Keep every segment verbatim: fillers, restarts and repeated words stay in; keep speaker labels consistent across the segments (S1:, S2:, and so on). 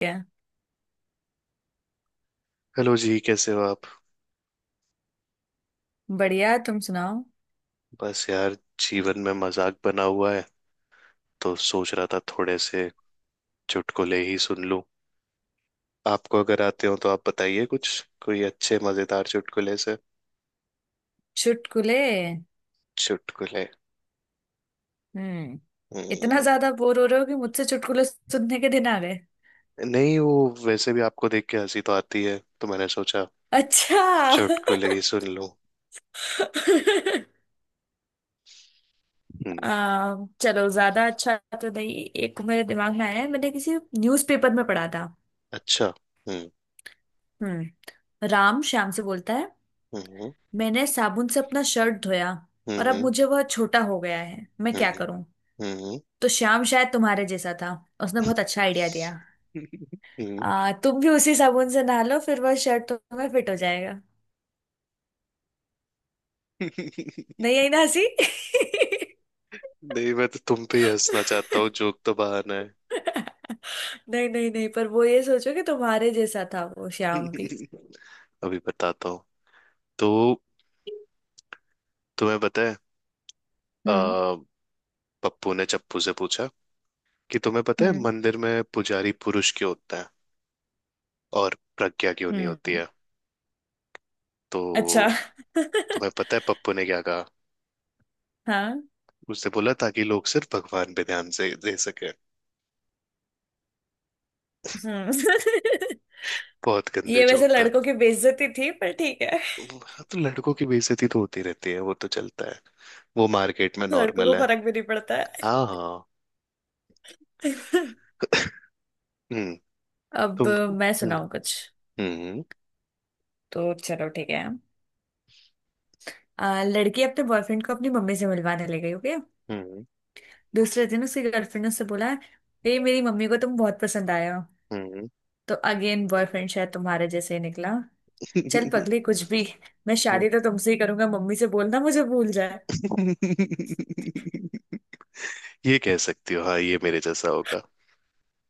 S1: क्या?
S2: हेलो जी, कैसे हो आप?
S1: बढ़िया, तुम सुनाओ।
S2: बस यार, जीवन में मजाक बना हुआ है। तो सोच रहा था थोड़े से चुटकुले ही सुन लूं। आपको अगर आते हो तो आप बताइए कुछ। कोई अच्छे मजेदार चुटकुले से।
S1: चुटकुले?
S2: चुटकुले।
S1: हम्म। इतना
S2: हम्म।
S1: ज्यादा बोर हो रहे हो कि मुझसे चुटकुले सुनने के दिन आ गए?
S2: नहीं, वो वैसे भी आपको देख के हंसी तो आती है, तो मैंने सोचा
S1: अच्छा।
S2: चुटकुले ही सुन लूं। हम्म।
S1: आ, चलो ज्यादा अच्छा तो नहीं, एक मेरे दिमाग में आया है, मैंने किसी न्यूज़पेपर में पढ़ा था।
S2: अच्छा। हम्म।
S1: हम्म, राम श्याम से बोलता है,
S2: हम्म।
S1: मैंने साबुन से अपना शर्ट धोया और अब
S2: हम्म।
S1: मुझे वह छोटा हो गया है, मैं क्या
S2: हम्म।
S1: करूं?
S2: हम्म। हम्म।
S1: तो श्याम शायद तुम्हारे जैसा था, उसने बहुत अच्छा आइडिया दिया।
S2: हम्म।
S1: आ, तुम भी उसी साबुन से नहा लो फिर वह शर्ट तुम्हें फिट हो जाएगा। नहीं आई ना हंसी?
S2: नहीं, मैं तो तुम पे ही हंसना चाहता हूँ, जोक तो बहाना है।
S1: नहीं नहीं नहीं, पर वो ये सोचो कि तुम्हारे जैसा था वो श्याम भी।
S2: अभी बताता हूँ। तो तुम्हें पता है, आ,
S1: हम्म
S2: पप्पू ने चप्पू से पूछा कि तुम्हें पता है
S1: हम्म
S2: मंदिर में पुजारी पुरुष क्यों होता है और प्रज्ञा क्यों नहीं होती
S1: हम्म।
S2: है?
S1: अच्छा।
S2: तो तुम्हें पता है पप्पू ने क्या कहा?
S1: हाँ।
S2: उसने बोला, ताकि लोग सिर्फ भगवान पे ध्यान से दे सके।
S1: हम्म।
S2: बहुत गंदे
S1: ये
S2: जोक
S1: वैसे
S2: था।
S1: लड़कों की बेइज्जती थी, पर ठीक है।
S2: हाँ, तो लड़कों की बेइज्जती तो होती रहती है, वो तो चलता है। वो मार्केट में
S1: लड़कों को
S2: नॉर्मल है।
S1: फर्क भी नहीं पड़ता है।
S2: हाँ, हाँ। हम्म।
S1: अब
S2: तुम।
S1: मैं
S2: हम्म।
S1: सुनाऊं कुछ?
S2: हम्म।
S1: तो चलो ठीक है। आ, लड़की अपने बॉयफ्रेंड को अपनी मम्मी से मिलवाने ले गई, ओके। दूसरे दिन उसकी गर्लफ्रेंड ने उससे बोला, ए मेरी मम्मी को तुम बहुत पसंद आए हो।
S2: हम्म।
S1: तो अगेन बॉयफ्रेंड शायद तुम्हारे जैसे ही निकला, चल
S2: हम्म।
S1: पगली कुछ भी, मैं शादी तो तुमसे ही करूंगा, मम्मी से बोलना मुझे भूल जाए।
S2: ये कह सकती हो, हाँ, ये मेरे जैसा होगा।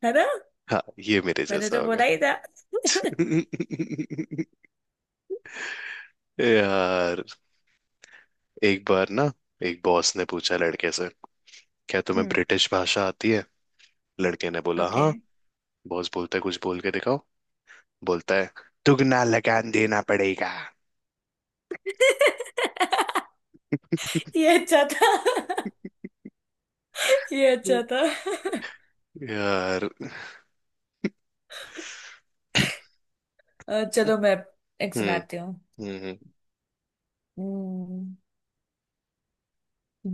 S1: है ना?
S2: हाँ। ये मेरे
S1: मैंने
S2: जैसा
S1: तो
S2: होगा।
S1: बोला ही था।
S2: यार, एक बार ना, एक बॉस ने पूछा लड़के से, क्या तुम्हें
S1: हम्म।
S2: ब्रिटिश भाषा आती है? लड़के ने बोला,
S1: ओके।
S2: हाँ। बॉस बोलता है, कुछ बोल के दिखाओ। बोलता है, दुगना लगान देना पड़ेगा।
S1: ये अच्छा था। ये अच्छा था।
S2: यार।
S1: अ, चलो मैं एक
S2: हम्म।
S1: सुनाती हूँ।
S2: हम्म। हम्म।
S1: हम्म।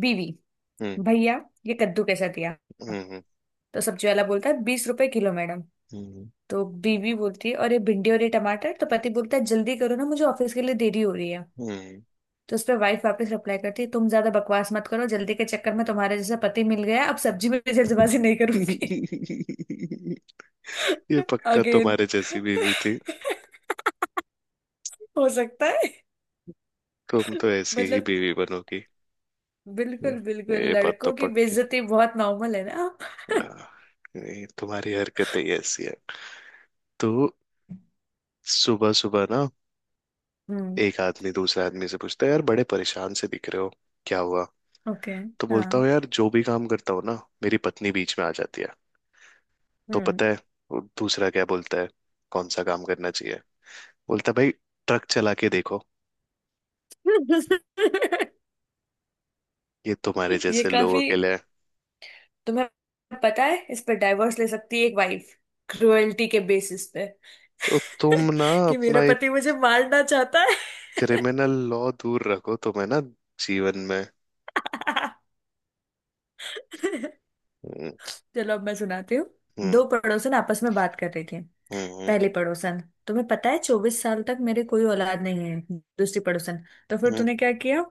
S1: बीवी,
S2: हम्म।
S1: भैया ये कद्दू कैसा दिया?
S2: हम्म।
S1: तो सब्जी वाला बोलता है, बीस रुपए किलो मैडम।
S2: हम्म।
S1: तो बीवी बोलती है, और ये भिंडी और ये टमाटर? तो पति बोलता है, जल्दी करो ना मुझे ऑफिस के लिए देरी हो रही है।
S2: हम्म।
S1: तो उस पर वाइफ वापस रिप्लाई करती है, तुम ज्यादा बकवास मत करो, जल्दी के चक्कर में तुम्हारे जैसा पति मिल गया, अब सब्जी में भी जल्दबाजी नहीं
S2: हम्म।
S1: करूंगी।
S2: ये पक्का
S1: अगेन।
S2: तुम्हारे जैसी बीवी थी।
S1: हो सकता है।
S2: तुम तो ऐसी ही
S1: मतलब,
S2: बीवी बनोगी। ये
S1: बिल्कुल बिल्कुल,
S2: ये बात तो
S1: लड़कों की
S2: पक्की।
S1: बेइज्जती बहुत नॉर्मल है ना।
S2: हाँ, ये तुम्हारी हरकतें ही ऐसी है। तो सुबह सुबह ना,
S1: हम्म।
S2: एक आदमी दूसरे आदमी से पूछता है, यार बड़े परेशान से दिख रहे हो, क्या हुआ?
S1: ओके।
S2: तो
S1: हाँ।
S2: बोलता हूँ, यार जो भी काम करता हूँ ना, मेरी पत्नी बीच में आ जाती है। तो
S1: हम्म।
S2: पता है वो दूसरा क्या बोलता है, कौन सा काम करना चाहिए? बोलता है, भाई ट्रक चला के देखो। ये तुम्हारे
S1: ये
S2: जैसे लोगों
S1: काफी,
S2: के लिए है।
S1: तुम्हें पता है इस पर डाइवोर्स ले सकती है एक वाइफ, क्रुएल्टी के बेसिस पे।
S2: तो तुम ना
S1: कि मेरा
S2: अपना एक
S1: पति मुझे मारना चाहता है।
S2: क्रिमिनल लॉ दूर रखो तुम्हें ना जीवन में।
S1: चलो अब मैं सुनाती हूँ।
S2: हम्म।
S1: दो पड़ोसन आपस में बात कर रही थी।
S2: हम्म।
S1: पहली पड़ोसन, तुम्हें पता है चौबीस साल तक मेरे कोई औलाद नहीं है। दूसरी पड़ोसन, तो फिर
S2: हम्म।
S1: तूने क्या किया?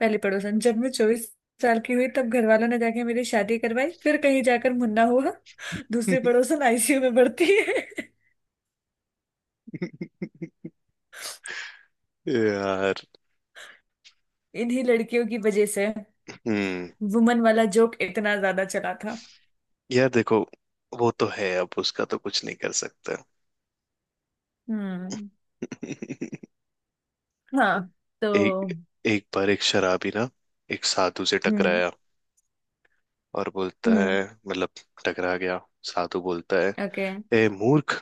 S1: पहली पड़ोसन, जब मैं चौबीस साल की हुई तब घर वालों ने जाके मेरी शादी करवाई, फिर कहीं जाकर मुन्ना हुआ। दूसरी पड़ोसन आई सी यू में भर्ती है।
S2: हम्म। यार।
S1: इन्हीं लड़कियों की वजह से
S2: हम्म।
S1: वुमन वाला जोक इतना ज्यादा चला था।
S2: यार देखो, वो तो है, अब उसका तो कुछ नहीं कर सकता।
S1: हम्म। हाँ। तो
S2: एक एक बार एक शराबी ना, एक साधु से
S1: हम्म।
S2: टकराया और बोलता
S1: हम्म।
S2: है, मतलब टकरा गया। साधु बोलता है,
S1: ओके।
S2: ए मूर्ख,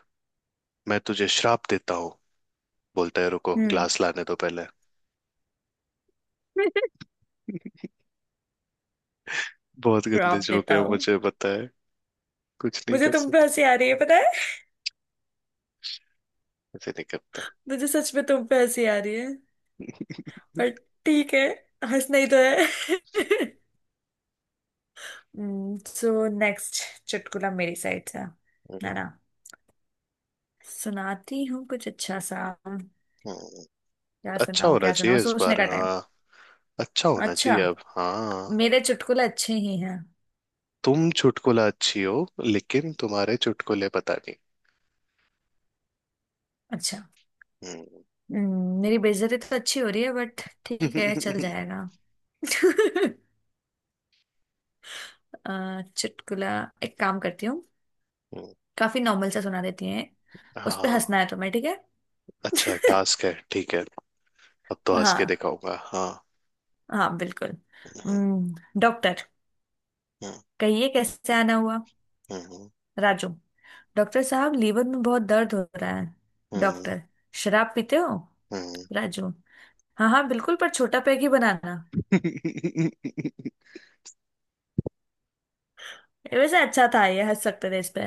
S2: मैं तुझे श्राप देता हूँ। बोलता है, रुको
S1: हम्म।
S2: ग्लास लाने दो पहले। बहुत गंदे
S1: प्रॉप
S2: जोक
S1: देता
S2: है,
S1: हूँ।
S2: मुझे पता है। कुछ नहीं
S1: मुझे
S2: कर
S1: तुम पे
S2: सकता।
S1: हंसी आ रही है पता है।
S2: ऐसे नहीं करता।
S1: मुझे सच में तुम पे हंसी आ रही है। पर ठीक है, हंसना ही तो है। सो नेक्स्ट चुटकुला मेरी साइड से
S2: हम्म।
S1: है ना। सुनाती हूँ कुछ अच्छा सा। क्या
S2: हम्म। अच्छा
S1: सुनाऊँ,
S2: होना
S1: क्या सुनाऊँ,
S2: चाहिए इस
S1: सोचने
S2: बार,
S1: का टाइम।
S2: हाँ। अच्छा होना
S1: अच्छा,
S2: चाहिए अब, हाँ।
S1: मेरे चुटकुले अच्छे ही हैं।
S2: तुम चुटकुला अच्छी हो, लेकिन तुम्हारे चुटकुले पता नहीं।
S1: अच्छा।
S2: हम्म।
S1: हम्म, मेरी बेइज्जती तो अच्छी हो रही है, बट ठीक है चल जाएगा। अ, चुटकुला, एक काम करती हूँ।
S2: हम्म।
S1: काफी नॉर्मल सा सुना देती हैं, उस पे
S2: हाँ,
S1: हंसना है तुम्हें, ठीक है?
S2: अच्छा टास्क है, ठीक है। अब तो हंस के
S1: हाँ,
S2: दिखाऊंगा, हाँ।
S1: हाँ बिल्कुल।
S2: हम्म।
S1: हम्म, डॉक्टर,
S2: हम्म।
S1: कहिए कैसे आना हुआ?
S2: हम्म।
S1: राजू, डॉक्टर साहब लीवर में बहुत दर्द हो रहा है।
S2: हम्म।
S1: डॉक्टर, शराब पीते हो?
S2: हम्म।
S1: राजू, हाँ हाँ बिल्कुल, पर छोटा पैग ही बनाना। ये वैसे अच्छा था, ये हंस सकते थे इस पे।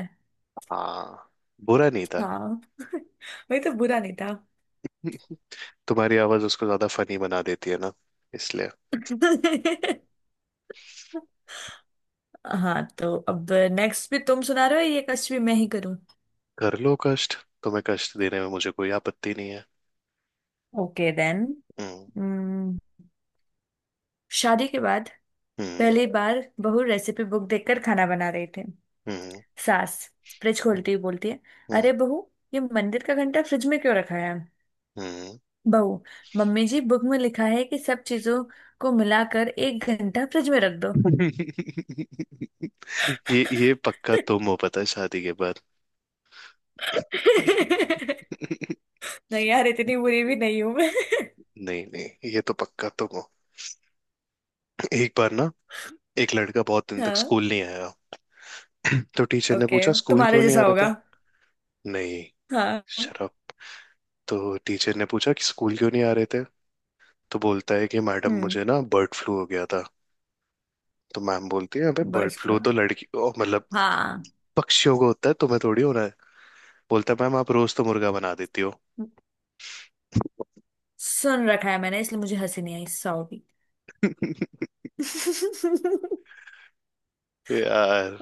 S2: हाँ। बुरा नहीं था।
S1: हाँ। वही तो, बुरा नहीं था।
S2: तुम्हारी आवाज उसको ज्यादा फनी बना देती है ना, इसलिए।
S1: हाँ तो अब नेक्स्ट भी तुम सुना रहे हो, ये कष्ट भी मैं ही करूँ?
S2: कर लो कष्ट, तुम्हें कष्ट देने में मुझे कोई आपत्ति नहीं है।
S1: Okay then.
S2: हम्म।
S1: शादी के बाद
S2: हम्म।
S1: पहली बार बहू रेसिपी बुक देखकर खाना बना रहे थे।
S2: हम्म।
S1: सास फ्रिज
S2: हम्म।
S1: खोलती हुई बोलती है,
S2: हम्म।
S1: अरे बहू ये मंदिर का घंटा फ्रिज में क्यों रखा है?
S2: हम्म।
S1: बहू, मम्मी जी बुक में लिखा है कि सब चीजों को मिलाकर एक घंटा फ्रिज में रख दो।
S2: ये ये पक्का तुम हो, पता है, शादी के बाद। नहीं,
S1: नहीं यार, इतनी बुरी भी नहीं हूं मैं।
S2: नहीं, ये तो पक्का तुम हो। एक बार ना, एक लड़का बहुत दिन तक
S1: हाँ।
S2: स्कूल नहीं आया। तो टीचर ने
S1: ओके,
S2: पूछा, स्कूल
S1: तुम्हारे
S2: क्यों नहीं आ
S1: जैसा
S2: रहे थे?
S1: होगा।
S2: नहीं।
S1: हाँ।
S2: शराब। तो टीचर ने पूछा कि स्कूल क्यों नहीं आ रहे थे? तो बोलता है कि मैडम,
S1: हम्म।
S2: मुझे ना बर्ड फ्लू हो गया था। तो मैम बोलती है, अबे बर्ड
S1: बर्ड्स फ्लू।
S2: फ्लू तो लड़की, ओ, मतलब
S1: हाँ,
S2: पक्षियों को होता है, तुम्हें थोड़ी होना है? बोलता है, मैम आप रोज तो मुर्गा बना देती हो।
S1: सुन रखा है मैंने, इसलिए मुझे हंसी नहीं आई, सॉरी। आ,
S2: यार।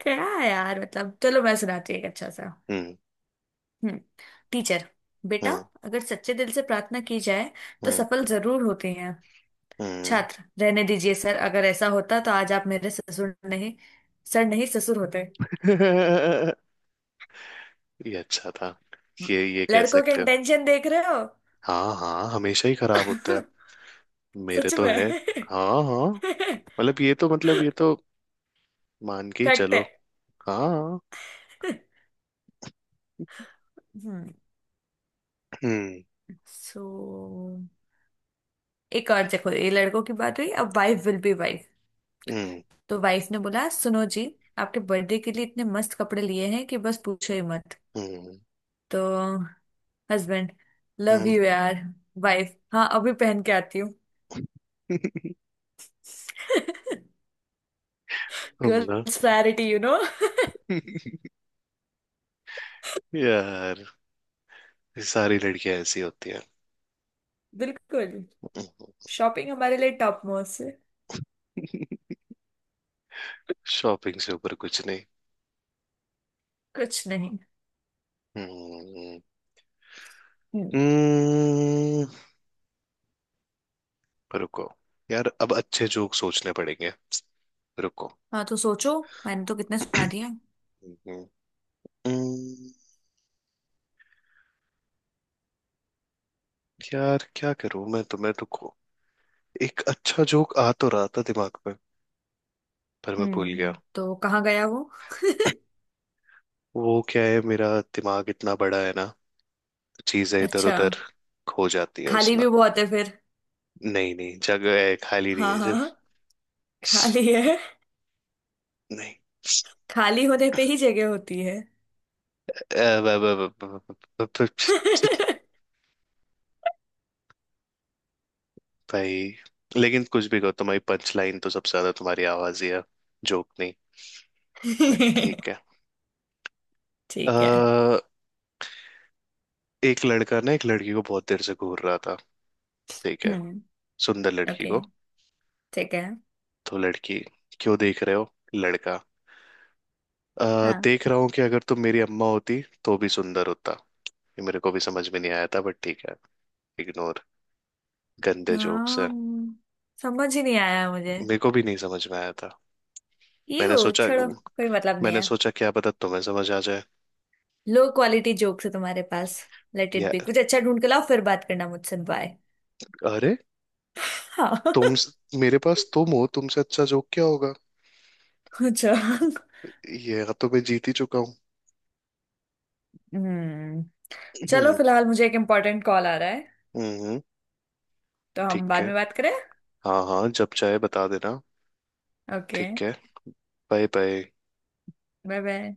S1: क्या है यार, मतलब चलो मैं सुनाती हूँ एक अच्छा सा।
S2: हम्म।
S1: हम्म। टीचर, बेटा
S2: हम्म।
S1: अगर सच्चे दिल से प्रार्थना की जाए तो
S2: हम्म।
S1: सफल जरूर होते हैं।
S2: हम्म।
S1: छात्र, रहने दीजिए सर, अगर ऐसा होता तो आज आप मेरे ससुर नहीं, सर नहीं ससुर होते।
S2: ये अच्छा था। ये ये कह
S1: लड़कों के
S2: सकते हो।
S1: इंटेंशन देख रहे हो?
S2: हाँ, हाँ, हमेशा ही खराब होता है। मेरे
S1: सच
S2: तो है।
S1: में,
S2: हाँ, हाँ। मतलब ये तो, मतलब ये तो मान के ही
S1: फैक्ट
S2: चलो।
S1: है।
S2: हाँ।
S1: हम्म।
S2: हम्म।
S1: सो एक और देखो, ये लड़कों की बात हुई, अब वाइफ विल बी वाइफ।
S2: हम्म।
S1: तो वाइफ ने बोला, सुनो जी आपके बर्थडे के लिए इतने मस्त कपड़े लिए हैं कि बस पूछो ही मत।
S2: हम्म।
S1: तो हस्बैंड, लव
S2: हम्म।
S1: यू यार। वाइफ, हाँ अभी पहन के आती हूँ।
S2: तुम ना।
S1: Girls priority you know.
S2: यार, ये सारी लड़कियां ऐसी होती हैं।
S1: बिल्कुल। शॉपिंग हमारे लिए टॉप मोस्ट है।
S2: शॉपिंग से ऊपर कुछ नहीं।
S1: कुछ नहीं।
S2: हम्म।
S1: हम्म।
S2: हम्म। रुको, यार अब अच्छे जोक सोचने पड़ेंगे, रुको।
S1: हाँ तो सोचो, मैंने तो कितने सुना दिया।
S2: हम्म। हम्म। यार क्या करूं मैं तुम्हें, रुको। एक अच्छा जोक आ तो रहा था दिमाग में, पर मैं भूल गया।
S1: हम्म, तो कहाँ गया वो?
S2: वो क्या है, मेरा दिमाग इतना बड़ा है ना, चीजें इधर
S1: अच्छा।
S2: उधर खो जाती है
S1: खाली
S2: उसमें।
S1: भी बहुत है फिर।
S2: नहीं, नहीं, जगह है, खाली नहीं
S1: हाँ
S2: है
S1: हाँ
S2: सिर्फ।
S1: हाँ। खाली है।
S2: नहीं।
S1: खाली होने पे ही जगह होती है।
S2: अ, ब- ब- ब- ब- ब- ब- ब- भाई, लेकिन कुछ भी कहो, तुम्हारी पंच लाइन तो सबसे ज्यादा तुम्हारी आवाज ही है, जोक नहीं। पर ठीक है।
S1: ठीक है।
S2: अ, एक लड़का ना, एक लड़की को बहुत देर से घूर रहा था, ठीक है।
S1: हम्म।
S2: सुंदर लड़की
S1: ओके।
S2: को।
S1: ठीक है।
S2: तो लड़की, क्यों देख रहे हो? लड़का, "अ,
S1: हाँ
S2: देख रहा हूँ कि अगर तुम मेरी अम्मा होती तो भी सुंदर होता।" ये मेरे को भी समझ में नहीं आया था, बट ठीक है, इग्नोर। गंदे जोक्स
S1: हाँ।
S2: है।
S1: हम्म, समझ ही नहीं आया मुझे।
S2: मेरे को भी नहीं समझ में आया था। मैंने
S1: यू
S2: सोचा
S1: छोड़ो, कोई मतलब नहीं
S2: मैंने
S1: है।
S2: सोचा क्या पता तुम्हें समझ आ जाए।
S1: लो क्वालिटी जोक्स है तुम्हारे पास। लेट इट
S2: या
S1: बी, कुछ अच्छा ढूंढ के लाओ फिर बात करना मुझसे, बाय।
S2: अरे,
S1: हाँ।
S2: तुम, मेरे पास तुम हो, तुमसे अच्छा जोक क्या होगा?
S1: अच्छा।
S2: ये तो मैं जीत ही चुका हूँ।
S1: हम्म, चलो
S2: हम्म।
S1: फिलहाल मुझे एक इम्पोर्टेंट कॉल आ रहा है,
S2: हम्म। हम्म।
S1: तो हम
S2: ठीक
S1: बाद
S2: है,
S1: में बात करें।
S2: हाँ, हाँ, जब चाहे बता देना।
S1: ओके।
S2: ठीक है। Bye bye.
S1: Bye bye.